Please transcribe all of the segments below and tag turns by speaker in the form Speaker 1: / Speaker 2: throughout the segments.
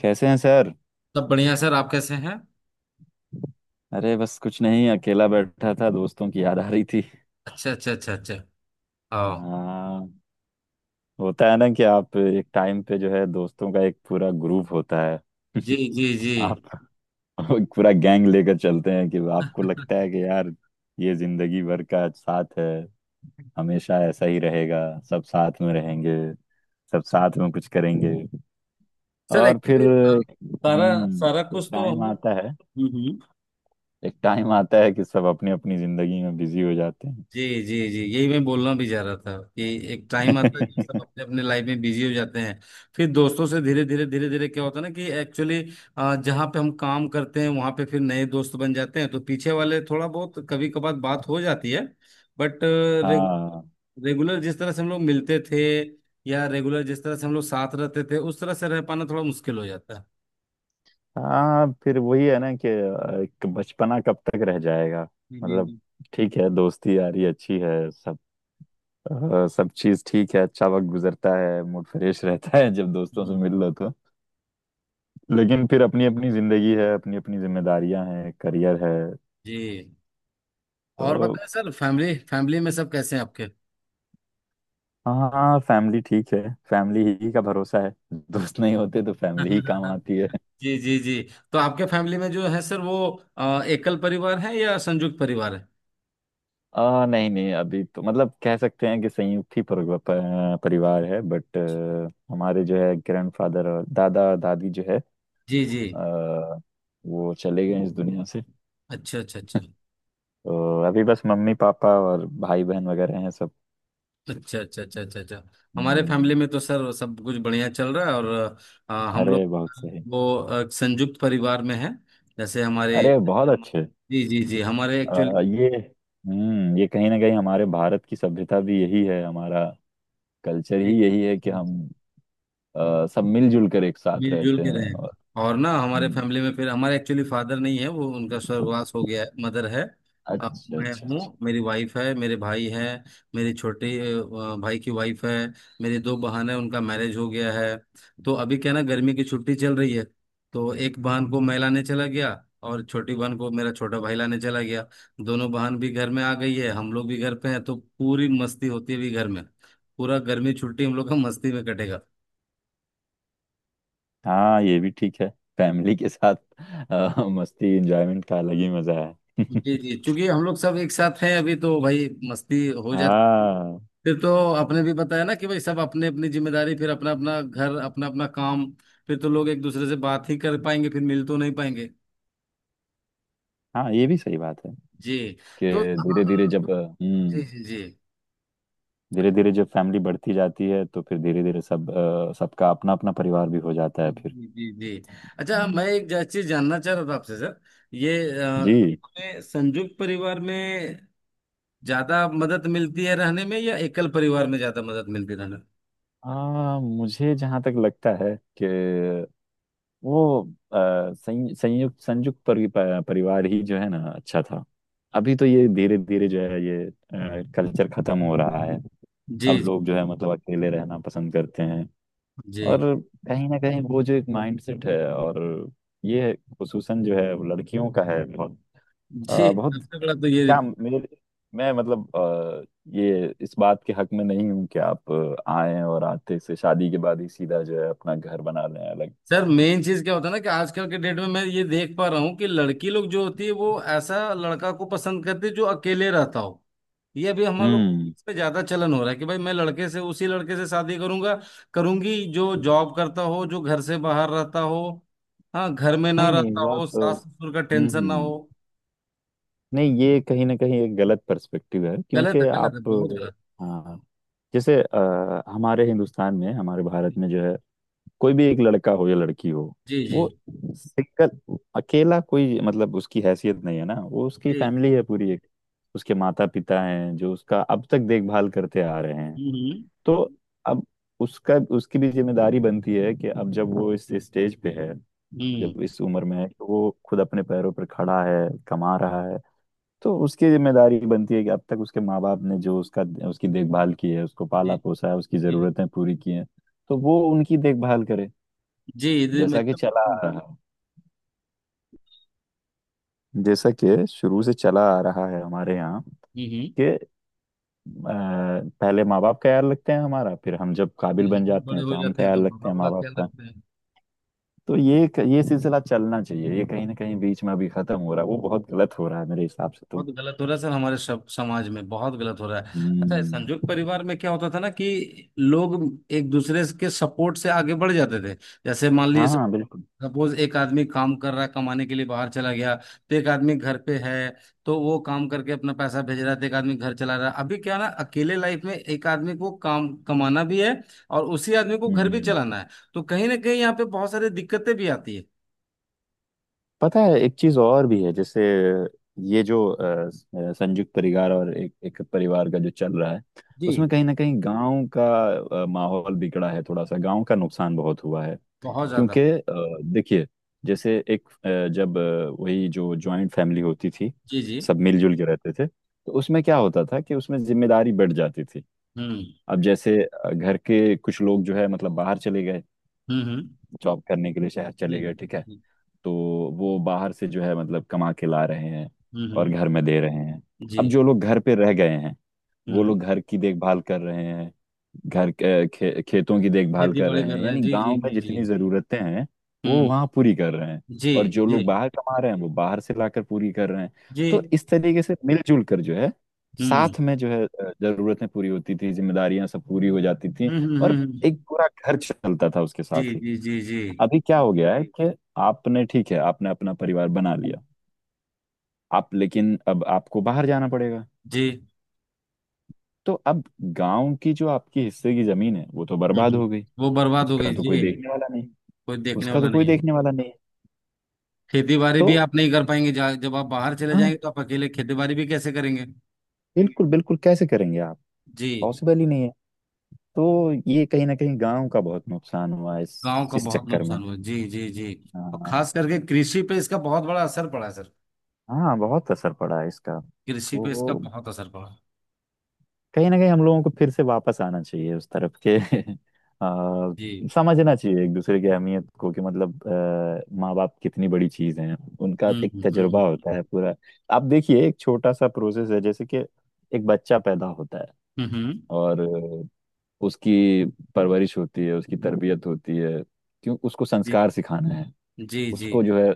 Speaker 1: कैसे हैं सर।
Speaker 2: सब बढ़िया सर। आप कैसे हैं?
Speaker 1: अरे बस कुछ नहीं, अकेला बैठा था, दोस्तों की याद आ रही थी।
Speaker 2: अच्छा, अच्छा, अच्छा, अच्छा। आओ।
Speaker 1: हाँ, होता है ना कि आप एक टाइम पे जो है दोस्तों का एक पूरा ग्रुप होता है।
Speaker 2: जी जी जी।
Speaker 1: आप एक पूरा गैंग लेकर चलते हैं कि आपको लगता है कि यार, ये जिंदगी भर का साथ है, हमेशा ऐसा ही रहेगा, सब साथ में रहेंगे, सब साथ में कुछ करेंगे।
Speaker 2: सर
Speaker 1: और फिर
Speaker 2: एक्चुअली सारा सारा
Speaker 1: हम्म, एक
Speaker 2: कुछ तो
Speaker 1: टाइम
Speaker 2: हम लोग...
Speaker 1: आता है,
Speaker 2: हम्म, हम्म।
Speaker 1: एक टाइम आता है कि सब अपनी अपनी जिंदगी में बिजी हो जाते
Speaker 2: जी जी जी, यही मैं बोलना भी जा रहा था कि एक टाइम आता है जब सब
Speaker 1: हैं।
Speaker 2: अपने अपने लाइफ में बिजी हो जाते हैं। फिर दोस्तों से धीरे धीरे धीरे धीरे क्या होता है ना कि एक्चुअली जहाँ पे हम काम करते हैं वहाँ पे फिर नए दोस्त बन जाते हैं, तो पीछे वाले थोड़ा बहुत कभी कभार बात हो जाती है। बट
Speaker 1: हाँ,
Speaker 2: रेगुलर जिस तरह से हम लोग मिलते थे, या रेगुलर जिस तरह से हम लोग साथ रहते थे, उस तरह से रह पाना थोड़ा मुश्किल हो जाता है।
Speaker 1: हाँ, फिर वही है ना कि एक बचपना कब तक रह जाएगा।
Speaker 2: जी जी
Speaker 1: मतलब,
Speaker 2: जी।
Speaker 1: ठीक है, दोस्ती यारी अच्छी है, सब सब चीज ठीक है, अच्छा वक्त गुजरता है, मूड फ्रेश रहता है जब दोस्तों से
Speaker 2: हम्म।
Speaker 1: मिल लो तो। लेकिन फिर अपनी अपनी जिंदगी है, अपनी अपनी जिम्मेदारियां हैं, करियर है,
Speaker 2: जी। और
Speaker 1: तो।
Speaker 2: बताएं सर, फैमिली फैमिली में सब कैसे हैं आपके?
Speaker 1: हाँ फैमिली ठीक है। फैमिली ही का भरोसा है, दोस्त नहीं होते तो फैमिली ही काम आती है।
Speaker 2: जी जी जी। तो आपके फैमिली में जो है सर वो एकल परिवार है या संयुक्त परिवार है?
Speaker 1: नहीं नहीं, अभी तो मतलब कह सकते हैं कि संयुक्त ही परिवार है, बट हमारे जो है ग्रैंडफादर और दादा दादी जो है,
Speaker 2: जी जी।
Speaker 1: आ, वो चले गए इस दुनिया से।
Speaker 2: अच्छा, अच्छा, अच्छा,
Speaker 1: तो अभी बस मम्मी पापा और भाई बहन वगैरह हैं सब।
Speaker 2: अच्छा। अच्छा, अच्छा, अच्छा, अच्छा। हमारे
Speaker 1: हम्म,
Speaker 2: फैमिली में तो सर सब कुछ बढ़िया चल रहा है। और हम
Speaker 1: अरे
Speaker 2: लोग
Speaker 1: बहुत सही।
Speaker 2: वो संयुक्त परिवार में है। जैसे हमारे...
Speaker 1: अरे बहुत अच्छे।
Speaker 2: जी जी जी हमारे एक्चुअली...
Speaker 1: आ, ये हम्म, ये कहीं ना कहीं हमारे भारत की सभ्यता भी यही है, हमारा कल्चर
Speaker 2: जी,
Speaker 1: ही यही है कि हम
Speaker 2: जी,
Speaker 1: सब मिलजुल कर एक साथ
Speaker 2: मिलजुल
Speaker 1: रहते
Speaker 2: के
Speaker 1: हैं
Speaker 2: रहें।
Speaker 1: और।
Speaker 2: और ना हमारे
Speaker 1: हम्म,
Speaker 2: फैमिली में, फिर हमारे एक्चुअली फादर नहीं है, वो उनका स्वर्गवास हो गया है, मदर है।
Speaker 1: अच्छा
Speaker 2: अब
Speaker 1: अच्छा
Speaker 2: मैं
Speaker 1: अच्छा।
Speaker 2: हूँ, मेरी वाइफ है, मेरे भाई है, मेरी छोटे भाई की वाइफ है, मेरी दो बहन है, उनका मैरिज हो गया है। तो अभी क्या ना गर्मी की छुट्टी चल रही है, तो एक बहन को मैं लाने चला गया, और छोटी बहन को मेरा छोटा भाई लाने चला गया। दोनों बहन भी घर में आ गई है, हम लोग भी घर पे हैं, तो पूरी मस्ती होती है भी घर में। पूरा गर्मी छुट्टी हम लोग का मस्ती में कटेगा।
Speaker 1: हाँ ये भी ठीक है, फैमिली के साथ मस्ती एंजॉयमेंट का अलग ही मजा है।
Speaker 2: जी जी, क्योंकि हम लोग सब एक साथ हैं अभी, तो भाई मस्ती हो जाती।
Speaker 1: हाँ,
Speaker 2: फिर तो आपने भी बताया ना कि भाई सब अपने अपनी जिम्मेदारी, फिर अपना अपना घर, अपना अपना काम, फिर तो लोग एक दूसरे से बात ही कर पाएंगे, फिर मिल तो नहीं पाएंगे।
Speaker 1: हाँ ये भी सही बात है
Speaker 2: जी।
Speaker 1: कि
Speaker 2: तो
Speaker 1: धीरे धीरे
Speaker 2: हाँ।
Speaker 1: जब
Speaker 2: जी
Speaker 1: हम्म,
Speaker 2: जी जी
Speaker 1: धीरे धीरे जब फैमिली बढ़ती जाती है तो फिर धीरे धीरे सब सबका अपना अपना परिवार भी हो जाता है फिर।
Speaker 2: जी। जी जी अच्छा,
Speaker 1: हम्म।
Speaker 2: मैं एक चीज जानना चाह रहा था आपसे सर। ये
Speaker 1: जी,
Speaker 2: हमें संयुक्त परिवार में ज्यादा मदद मिलती है रहने में, या एकल परिवार में ज्यादा मदद मिलती है रहने में?
Speaker 1: मुझे जहाँ तक लगता है कि वो अ, संयुक्त परिवार ही जो है ना अच्छा था। अभी तो ये धीरे धीरे जो है ये कल्चर खत्म हो रहा है। अब
Speaker 2: जी जी
Speaker 1: लोग जो है मतलब अकेले रहना पसंद करते हैं।
Speaker 2: जी
Speaker 1: और कहीं ना कहीं वो जो एक माइंडसेट है और ये खुसूसन जो है वो लड़कियों का है, बहुत
Speaker 2: जी।
Speaker 1: बहुत।
Speaker 2: सबसे बड़ा तो ये...
Speaker 1: क्या मेरे मैं मतलब, ये इस बात के हक में नहीं हूँ कि आप आए और आते से शादी के बाद ही सीधा जो है अपना घर बना लें अलग।
Speaker 2: सर मेन चीज क्या होता है ना कि आजकल के डेट में मैं ये देख पा रहा हूँ कि लड़की लोग जो होती है वो ऐसा लड़का को पसंद करती है जो अकेले रहता हो। ये अभी हम लोग
Speaker 1: हम्म,
Speaker 2: पे ज्यादा चलन हो रहा है कि भाई मैं लड़के से, उसी लड़के से शादी करूंगा, करूंगी, जो जॉब करता हो, जो घर से बाहर रहता हो, हाँ घर में ना
Speaker 1: नहीं नहीं
Speaker 2: रहता
Speaker 1: वो
Speaker 2: हो,
Speaker 1: आप, हम्म।
Speaker 2: सास ससुर का
Speaker 1: हम्म।
Speaker 2: टेंशन ना
Speaker 1: हम्म।
Speaker 2: हो।
Speaker 1: नहीं, ये कहीं ना कहीं एक गलत पर्सपेक्टिव है,
Speaker 2: गलत है,
Speaker 1: क्योंकि
Speaker 2: गलत
Speaker 1: आप।
Speaker 2: है, बहुत गलत।
Speaker 1: हाँ, जैसे हमारे हिंदुस्तान में, हमारे भारत में जो है, कोई भी एक लड़का हो या लड़की हो,
Speaker 2: जी जी
Speaker 1: वो सिंगल अकेला कोई मतलब उसकी हैसियत नहीं है ना, वो उसकी
Speaker 2: जी।
Speaker 1: फैमिली है पूरी एक, उसके माता पिता हैं जो उसका अब तक देखभाल करते आ रहे हैं।
Speaker 2: हम्म,
Speaker 1: तो अब उसका, उसकी भी जिम्मेदारी बनती है कि अब जब वो इस स्टेज पे है,
Speaker 2: हम्म,
Speaker 1: जब इस उम्र में है कि वो खुद अपने पैरों पर खड़ा है, कमा रहा है, तो उसकी जिम्मेदारी बनती है कि अब तक उसके माँ बाप ने जो उसका, उसकी देखभाल की है, उसको पाला
Speaker 2: जी
Speaker 1: पोसा है, उसकी
Speaker 2: जी
Speaker 1: जरूरतें पूरी की हैं, तो वो उनकी देखभाल करे।
Speaker 2: जी। जी,
Speaker 1: जैसा कि
Speaker 2: एकदम
Speaker 1: चला
Speaker 2: हम्म।
Speaker 1: आ रहा है, जैसा कि शुरू से चला आ रहा है हमारे यहाँ
Speaker 2: हम्म।
Speaker 1: कि पहले माँ बाप का ख्याल रखते हैं हमारा, फिर हम जब काबिल
Speaker 2: फिर
Speaker 1: बन
Speaker 2: हम भी
Speaker 1: जाते
Speaker 2: बड़े
Speaker 1: हैं तो
Speaker 2: हो
Speaker 1: हम
Speaker 2: जाते हैं तो
Speaker 1: ख्याल
Speaker 2: माँ
Speaker 1: रखते हैं
Speaker 2: बाप का
Speaker 1: माँ बाप
Speaker 2: ख्याल
Speaker 1: का।
Speaker 2: रखते हैं।
Speaker 1: तो ये सिलसिला चलना चाहिए, ये कहीं ना कहीं बीच में अभी खत्म हो रहा है, वो बहुत गलत हो रहा है मेरे हिसाब से
Speaker 2: बहुत
Speaker 1: तो।
Speaker 2: गलत हो रहा है सर, हमारे सब समाज में बहुत गलत हो रहा है। अच्छा, इस संयुक्त
Speaker 1: हम्म,
Speaker 2: परिवार में क्या होता था ना कि लोग एक दूसरे के सपोर्ट से आगे बढ़ जाते थे। जैसे मान लीजिए,
Speaker 1: हाँ बिल्कुल।
Speaker 2: सपोज एक आदमी काम कर रहा है, कमाने के लिए बाहर चला गया, तो एक आदमी घर पे है, तो वो काम करके अपना पैसा भेज रहा है, तो एक आदमी घर चला रहा है। अभी क्या ना अकेले लाइफ में एक आदमी को काम कमाना भी है और उसी आदमी को घर
Speaker 1: हम्म।
Speaker 2: भी
Speaker 1: हम्म।
Speaker 2: चलाना है, तो कहीं ना कहीं यहाँ पे बहुत सारी दिक्कतें भी आती है।
Speaker 1: पता है एक चीज और भी है, जैसे ये जो संयुक्त परिवार और एक एक परिवार का जो चल रहा है,
Speaker 2: जी।
Speaker 1: उसमें कहीं ना कहीं गांव का माहौल बिगड़ा है, थोड़ा सा गांव का नुकसान बहुत हुआ है।
Speaker 2: बहुत ज्यादा।
Speaker 1: क्योंकि देखिए, जैसे एक जब वही जो जॉइंट फैमिली होती थी,
Speaker 2: जी जी।
Speaker 1: सब मिलजुल के रहते थे, तो उसमें क्या होता था कि उसमें जिम्मेदारी बढ़ जाती थी।
Speaker 2: हम्म
Speaker 1: अब जैसे घर के कुछ लोग जो है मतलब बाहर चले गए,
Speaker 2: हम्म।
Speaker 1: जॉब करने के लिए शहर चले
Speaker 2: जी।
Speaker 1: गए, ठीक है। तो वो बाहर से जो है मतलब कमा के ला रहे हैं
Speaker 2: हम्म
Speaker 1: और घर में
Speaker 2: हम्म,
Speaker 1: दे रहे हैं।
Speaker 2: जी।
Speaker 1: अब जो लोग घर पे रह गए हैं, वो
Speaker 2: हम्म।
Speaker 1: लोग घर की देखभाल कर रहे हैं, खेतों की देखभाल
Speaker 2: खेती
Speaker 1: कर
Speaker 2: बाड़ी
Speaker 1: रहे
Speaker 2: कर
Speaker 1: हैं,
Speaker 2: रहे हैं,
Speaker 1: यानी
Speaker 2: जी
Speaker 1: गांव
Speaker 2: जी
Speaker 1: में
Speaker 2: जी जी।
Speaker 1: जितनी जरूरतें हैं वो
Speaker 2: हम्म।
Speaker 1: वहां पूरी कर रहे हैं,
Speaker 2: जी
Speaker 1: और जो
Speaker 2: जी।
Speaker 1: लोग बाहर कमा रहे हैं वो बाहर से लाकर पूरी कर रहे हैं। तो
Speaker 2: जी।
Speaker 1: इस तरीके से मिलजुल कर जो है,
Speaker 2: हम्म हम्म
Speaker 1: साथ में जो है जरूरतें पूरी होती थी, जिम्मेदारियां सब पूरी हो जाती थी,
Speaker 2: हम्म हम्म,
Speaker 1: और
Speaker 2: हम्म,
Speaker 1: एक पूरा घर चलता था उसके
Speaker 2: जी
Speaker 1: साथ ही।
Speaker 2: जी जी जी।
Speaker 1: अभी क्या हो गया है कि आपने, ठीक है, आपने अपना परिवार बना लिया, आप लेकिन अब आपको बाहर जाना पड़ेगा।
Speaker 2: जी।
Speaker 1: तो अब गांव की जो आपकी हिस्से की जमीन है वो तो
Speaker 2: हम्म,
Speaker 1: बर्बाद
Speaker 2: हम्म।
Speaker 1: हो गई,
Speaker 2: वो बर्बाद हो
Speaker 1: उसका
Speaker 2: गई
Speaker 1: तो कोई
Speaker 2: जी।
Speaker 1: देखने वाला नहीं,
Speaker 2: कोई देखने
Speaker 1: उसका
Speaker 2: वाला
Speaker 1: तो कोई
Speaker 2: नहीं है।
Speaker 1: देखने वाला नहीं है।
Speaker 2: खेती बाड़ी
Speaker 1: तो
Speaker 2: भी आप नहीं कर पाएंगे, जब आप बाहर चले
Speaker 1: हाँ,
Speaker 2: जाएंगे तो आप अकेले खेती बाड़ी भी कैसे करेंगे?
Speaker 1: बिल्कुल बिल्कुल, कैसे करेंगे आप,
Speaker 2: जी।
Speaker 1: पॉसिबल ही नहीं है। तो ये कहीं ना कहीं गांव का बहुत नुकसान हुआ इस
Speaker 2: गांव का
Speaker 1: इस
Speaker 2: बहुत
Speaker 1: चक्कर में।
Speaker 2: नुकसान हुआ, जी जी जी। और
Speaker 1: हाँ,
Speaker 2: खास करके कृषि पे इसका बहुत बड़ा असर पड़ा है सर।
Speaker 1: हाँ, बहुत असर पड़ा है इसका।
Speaker 2: कृषि पे इसका
Speaker 1: तो
Speaker 2: बहुत असर पड़ा।
Speaker 1: कहीं ना कहीं हम लोगों को फिर से वापस आना चाहिए उस तरफ के। आ,
Speaker 2: जी।
Speaker 1: समझना चाहिए एक दूसरे की अहमियत को कि मतलब माँ बाप कितनी बड़ी चीज है, उनका
Speaker 2: हम्म
Speaker 1: एक
Speaker 2: हम्म हम्म
Speaker 1: तजुर्बा होता है पूरा। आप देखिए एक छोटा सा प्रोसेस है, जैसे कि एक बच्चा पैदा होता है
Speaker 2: हम्म, हम्म,
Speaker 1: और उसकी परवरिश होती है, उसकी तरबियत होती है, क्यों उसको
Speaker 2: जी
Speaker 1: संस्कार सिखाना है,
Speaker 2: जी जी
Speaker 1: उसको जो है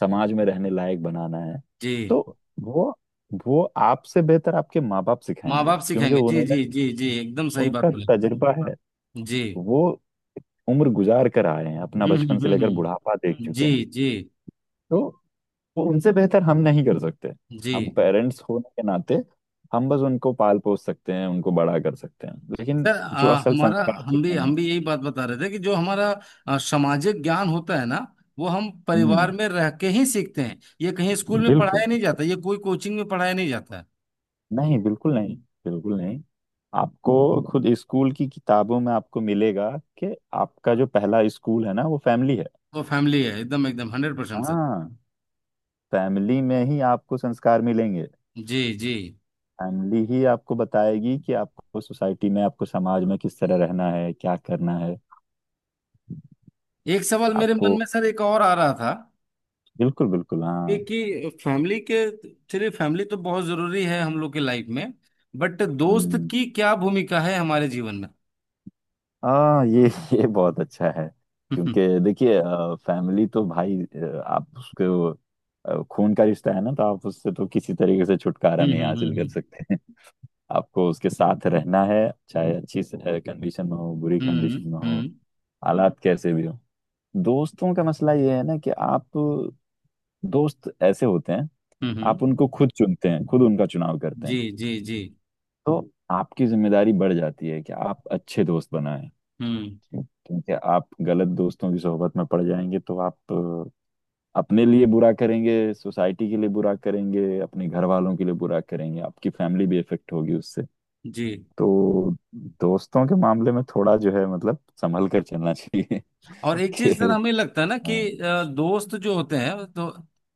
Speaker 1: समाज में रहने लायक बनाना है। तो
Speaker 2: जी।
Speaker 1: वो वो आपसे बेहतर आपके माँ बाप
Speaker 2: माँ
Speaker 1: सिखाएंगे,
Speaker 2: बाप
Speaker 1: क्योंकि
Speaker 2: सिखाएंगे, जी जी
Speaker 1: उन्होंने,
Speaker 2: जी जी, एकदम सही
Speaker 1: उनका
Speaker 2: बात बोले।
Speaker 1: तजुर्बा है,
Speaker 2: जी।
Speaker 1: वो उम्र गुजार कर आए हैं, अपना बचपन से लेकर बुढ़ापा देख चुके
Speaker 2: जी
Speaker 1: हैं।
Speaker 2: जी।
Speaker 1: तो वो उनसे बेहतर हम नहीं कर सकते।
Speaker 2: जी
Speaker 1: हम पेरेंट्स होने के नाते हम बस उनको पाल पोस सकते हैं, उनको बड़ा कर सकते हैं, लेकिन
Speaker 2: सर
Speaker 1: जो असल
Speaker 2: हमारा
Speaker 1: संस्कार
Speaker 2: हम भी
Speaker 1: सिखाना।
Speaker 2: हम भी यही बात बता रहे थे कि जो हमारा सामाजिक ज्ञान होता है ना, वो हम परिवार
Speaker 1: हम्म,
Speaker 2: में रह के ही सीखते हैं, ये कहीं स्कूल में
Speaker 1: बिल्कुल,
Speaker 2: पढ़ाया नहीं जाता, ये कोई कोचिंग में पढ़ाया नहीं जाता है।
Speaker 1: नहीं बिल्कुल नहीं, बिल्कुल नहीं। आपको खुद स्कूल की किताबों में आपको मिलेगा कि आपका जो पहला स्कूल है ना, वो फैमिली है।
Speaker 2: वो फैमिली है, एकदम एकदम 100% सर।
Speaker 1: हाँ, फैमिली में ही आपको संस्कार मिलेंगे।
Speaker 2: जी जी।
Speaker 1: फैमिली ही आपको बताएगी कि आपको सोसाइटी में, आपको समाज में किस तरह रहना है, क्या करना है।
Speaker 2: एक सवाल मेरे मन
Speaker 1: आपको,
Speaker 2: में सर एक और आ रहा था।
Speaker 1: बिल्कुल बिल्कुल, हाँ।
Speaker 2: एक कि फैमिली के... चलिए फैमिली तो बहुत जरूरी है हम लोग के लाइफ में, बट दोस्त
Speaker 1: हम्म,
Speaker 2: की क्या भूमिका है हमारे जीवन में?
Speaker 1: हाँ ये ये बहुत अच्छा है।
Speaker 2: हम्म,
Speaker 1: क्योंकि देखिए, फैमिली तो भाई आप उसको खून का रिश्ता है ना, तो आप उससे तो किसी तरीके से छुटकारा
Speaker 2: हम्म,
Speaker 1: नहीं हासिल कर
Speaker 2: हम्म,
Speaker 1: सकते हैं। आपको उसके साथ रहना है, चाहे अच्छी कंडीशन में हो, बुरी
Speaker 2: हम्म, हम्म,
Speaker 1: कंडीशन में हो,
Speaker 2: हम्म,
Speaker 1: हालात कैसे भी हो। दोस्तों का मसला ये है ना कि आप, दोस्त ऐसे होते हैं,
Speaker 2: हम्म, हम्म।
Speaker 1: आप उनको खुद चुनते हैं, खुद उनका चुनाव करते
Speaker 2: जी
Speaker 1: हैं।
Speaker 2: जी जी।
Speaker 1: तो आपकी जिम्मेदारी बढ़ जाती है कि आप अच्छे दोस्त बनाएं,
Speaker 2: हम्म।
Speaker 1: क्योंकि आप गलत दोस्तों की सोहबत में पड़ जाएंगे तो आप अपने लिए बुरा करेंगे, सोसाइटी के लिए बुरा करेंगे, अपने घर वालों के लिए बुरा करेंगे, आपकी फैमिली भी इफेक्ट होगी उससे।
Speaker 2: जी।
Speaker 1: तो दोस्तों के मामले में थोड़ा जो है मतलब संभल कर चलना चाहिए
Speaker 2: और एक चीज सर
Speaker 1: कि
Speaker 2: हमें लगता है ना
Speaker 1: अ,
Speaker 2: कि दोस्त जो होते हैं तो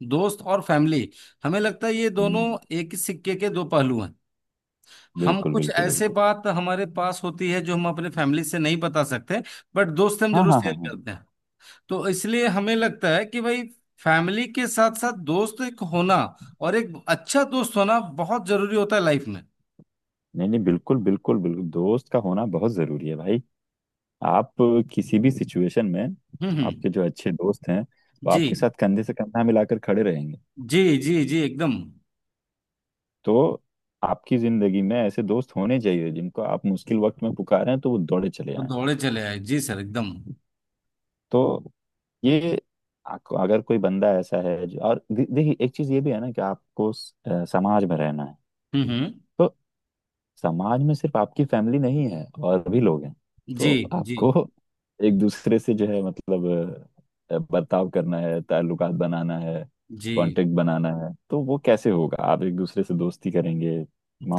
Speaker 2: दोस्त और फैमिली, हमें लगता है ये
Speaker 1: हम्म,
Speaker 2: दोनों एक ही सिक्के के दो पहलू हैं। हम
Speaker 1: बिल्कुल
Speaker 2: कुछ
Speaker 1: बिल्कुल
Speaker 2: ऐसे
Speaker 1: बिल्कुल।
Speaker 2: बात हमारे पास होती है जो हम अपने फैमिली से नहीं बता सकते, बट दोस्त से हम
Speaker 1: हाँ
Speaker 2: जरूर
Speaker 1: हाँ हाँ
Speaker 2: शेयर
Speaker 1: हाँ,
Speaker 2: करते हैं। तो इसलिए हमें लगता है कि भाई फैमिली के साथ साथ दोस्त एक होना और एक अच्छा दोस्त होना बहुत जरूरी होता है लाइफ में।
Speaker 1: नहीं नहीं बिल्कुल बिल्कुल बिल्कुल, दोस्त का होना बहुत जरूरी है भाई। आप किसी भी सिचुएशन में,
Speaker 2: हम्म, हम्म।
Speaker 1: आपके जो अच्छे दोस्त हैं वो
Speaker 2: जी
Speaker 1: आपके साथ कंधे से कंधा मिलाकर खड़े रहेंगे।
Speaker 2: जी जी जी एकदम।
Speaker 1: तो आपकी जिंदगी में ऐसे दोस्त होने चाहिए जिनको आप मुश्किल वक्त में पुकारें तो वो दौड़े चले
Speaker 2: वो
Speaker 1: आएं।
Speaker 2: दौड़े चले आए, जी सर, एकदम।
Speaker 1: तो ये आपको- अगर कोई बंदा ऐसा है जो और दे- देखिए एक चीज ये भी है ना कि आपको समाज में रहना है।
Speaker 2: हम्म, हम्म।
Speaker 1: तो समाज में सिर्फ आपकी फैमिली नहीं है, और भी लोग हैं। तो
Speaker 2: जी जी
Speaker 1: आपको एक दूसरे से जो है मतलब बर्ताव करना है, ताल्लुकात बनाना है,
Speaker 2: जी।
Speaker 1: कांटेक्ट बनाना है, तो वो कैसे होगा, आप एक दूसरे से दोस्ती करेंगे,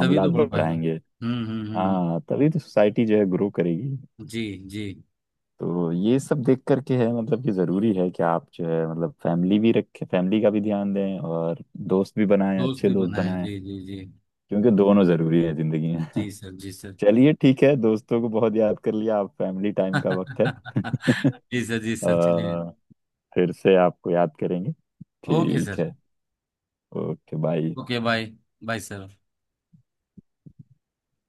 Speaker 2: तभी तो बढ़ पाएगा,
Speaker 1: बढ़ाएंगे। हाँ, तभी तो सोसाइटी जो है ग्रो करेगी।
Speaker 2: जी जी।
Speaker 1: तो ये सब देख करके है मतलब कि जरूरी है कि आप जो है मतलब फैमिली भी रखें, फैमिली का भी ध्यान दें, और दोस्त भी बनाएं,
Speaker 2: दोस्त
Speaker 1: अच्छे
Speaker 2: भी
Speaker 1: दोस्त
Speaker 2: बनाए,
Speaker 1: बनाएं,
Speaker 2: जी जी जी।
Speaker 1: क्योंकि दोनों जरूरी है जिंदगी।
Speaker 2: जी सर, जी सर।
Speaker 1: चलिए ठीक है, दोस्तों को बहुत याद कर लिया, आप फैमिली टाइम का वक्त है।
Speaker 2: जी सर, जी सर, चलिए।
Speaker 1: अ, फिर से आपको याद करेंगे,
Speaker 2: ओके
Speaker 1: ठीक
Speaker 2: सर।
Speaker 1: है। Okay bye.
Speaker 2: Okay bye. Bye sir.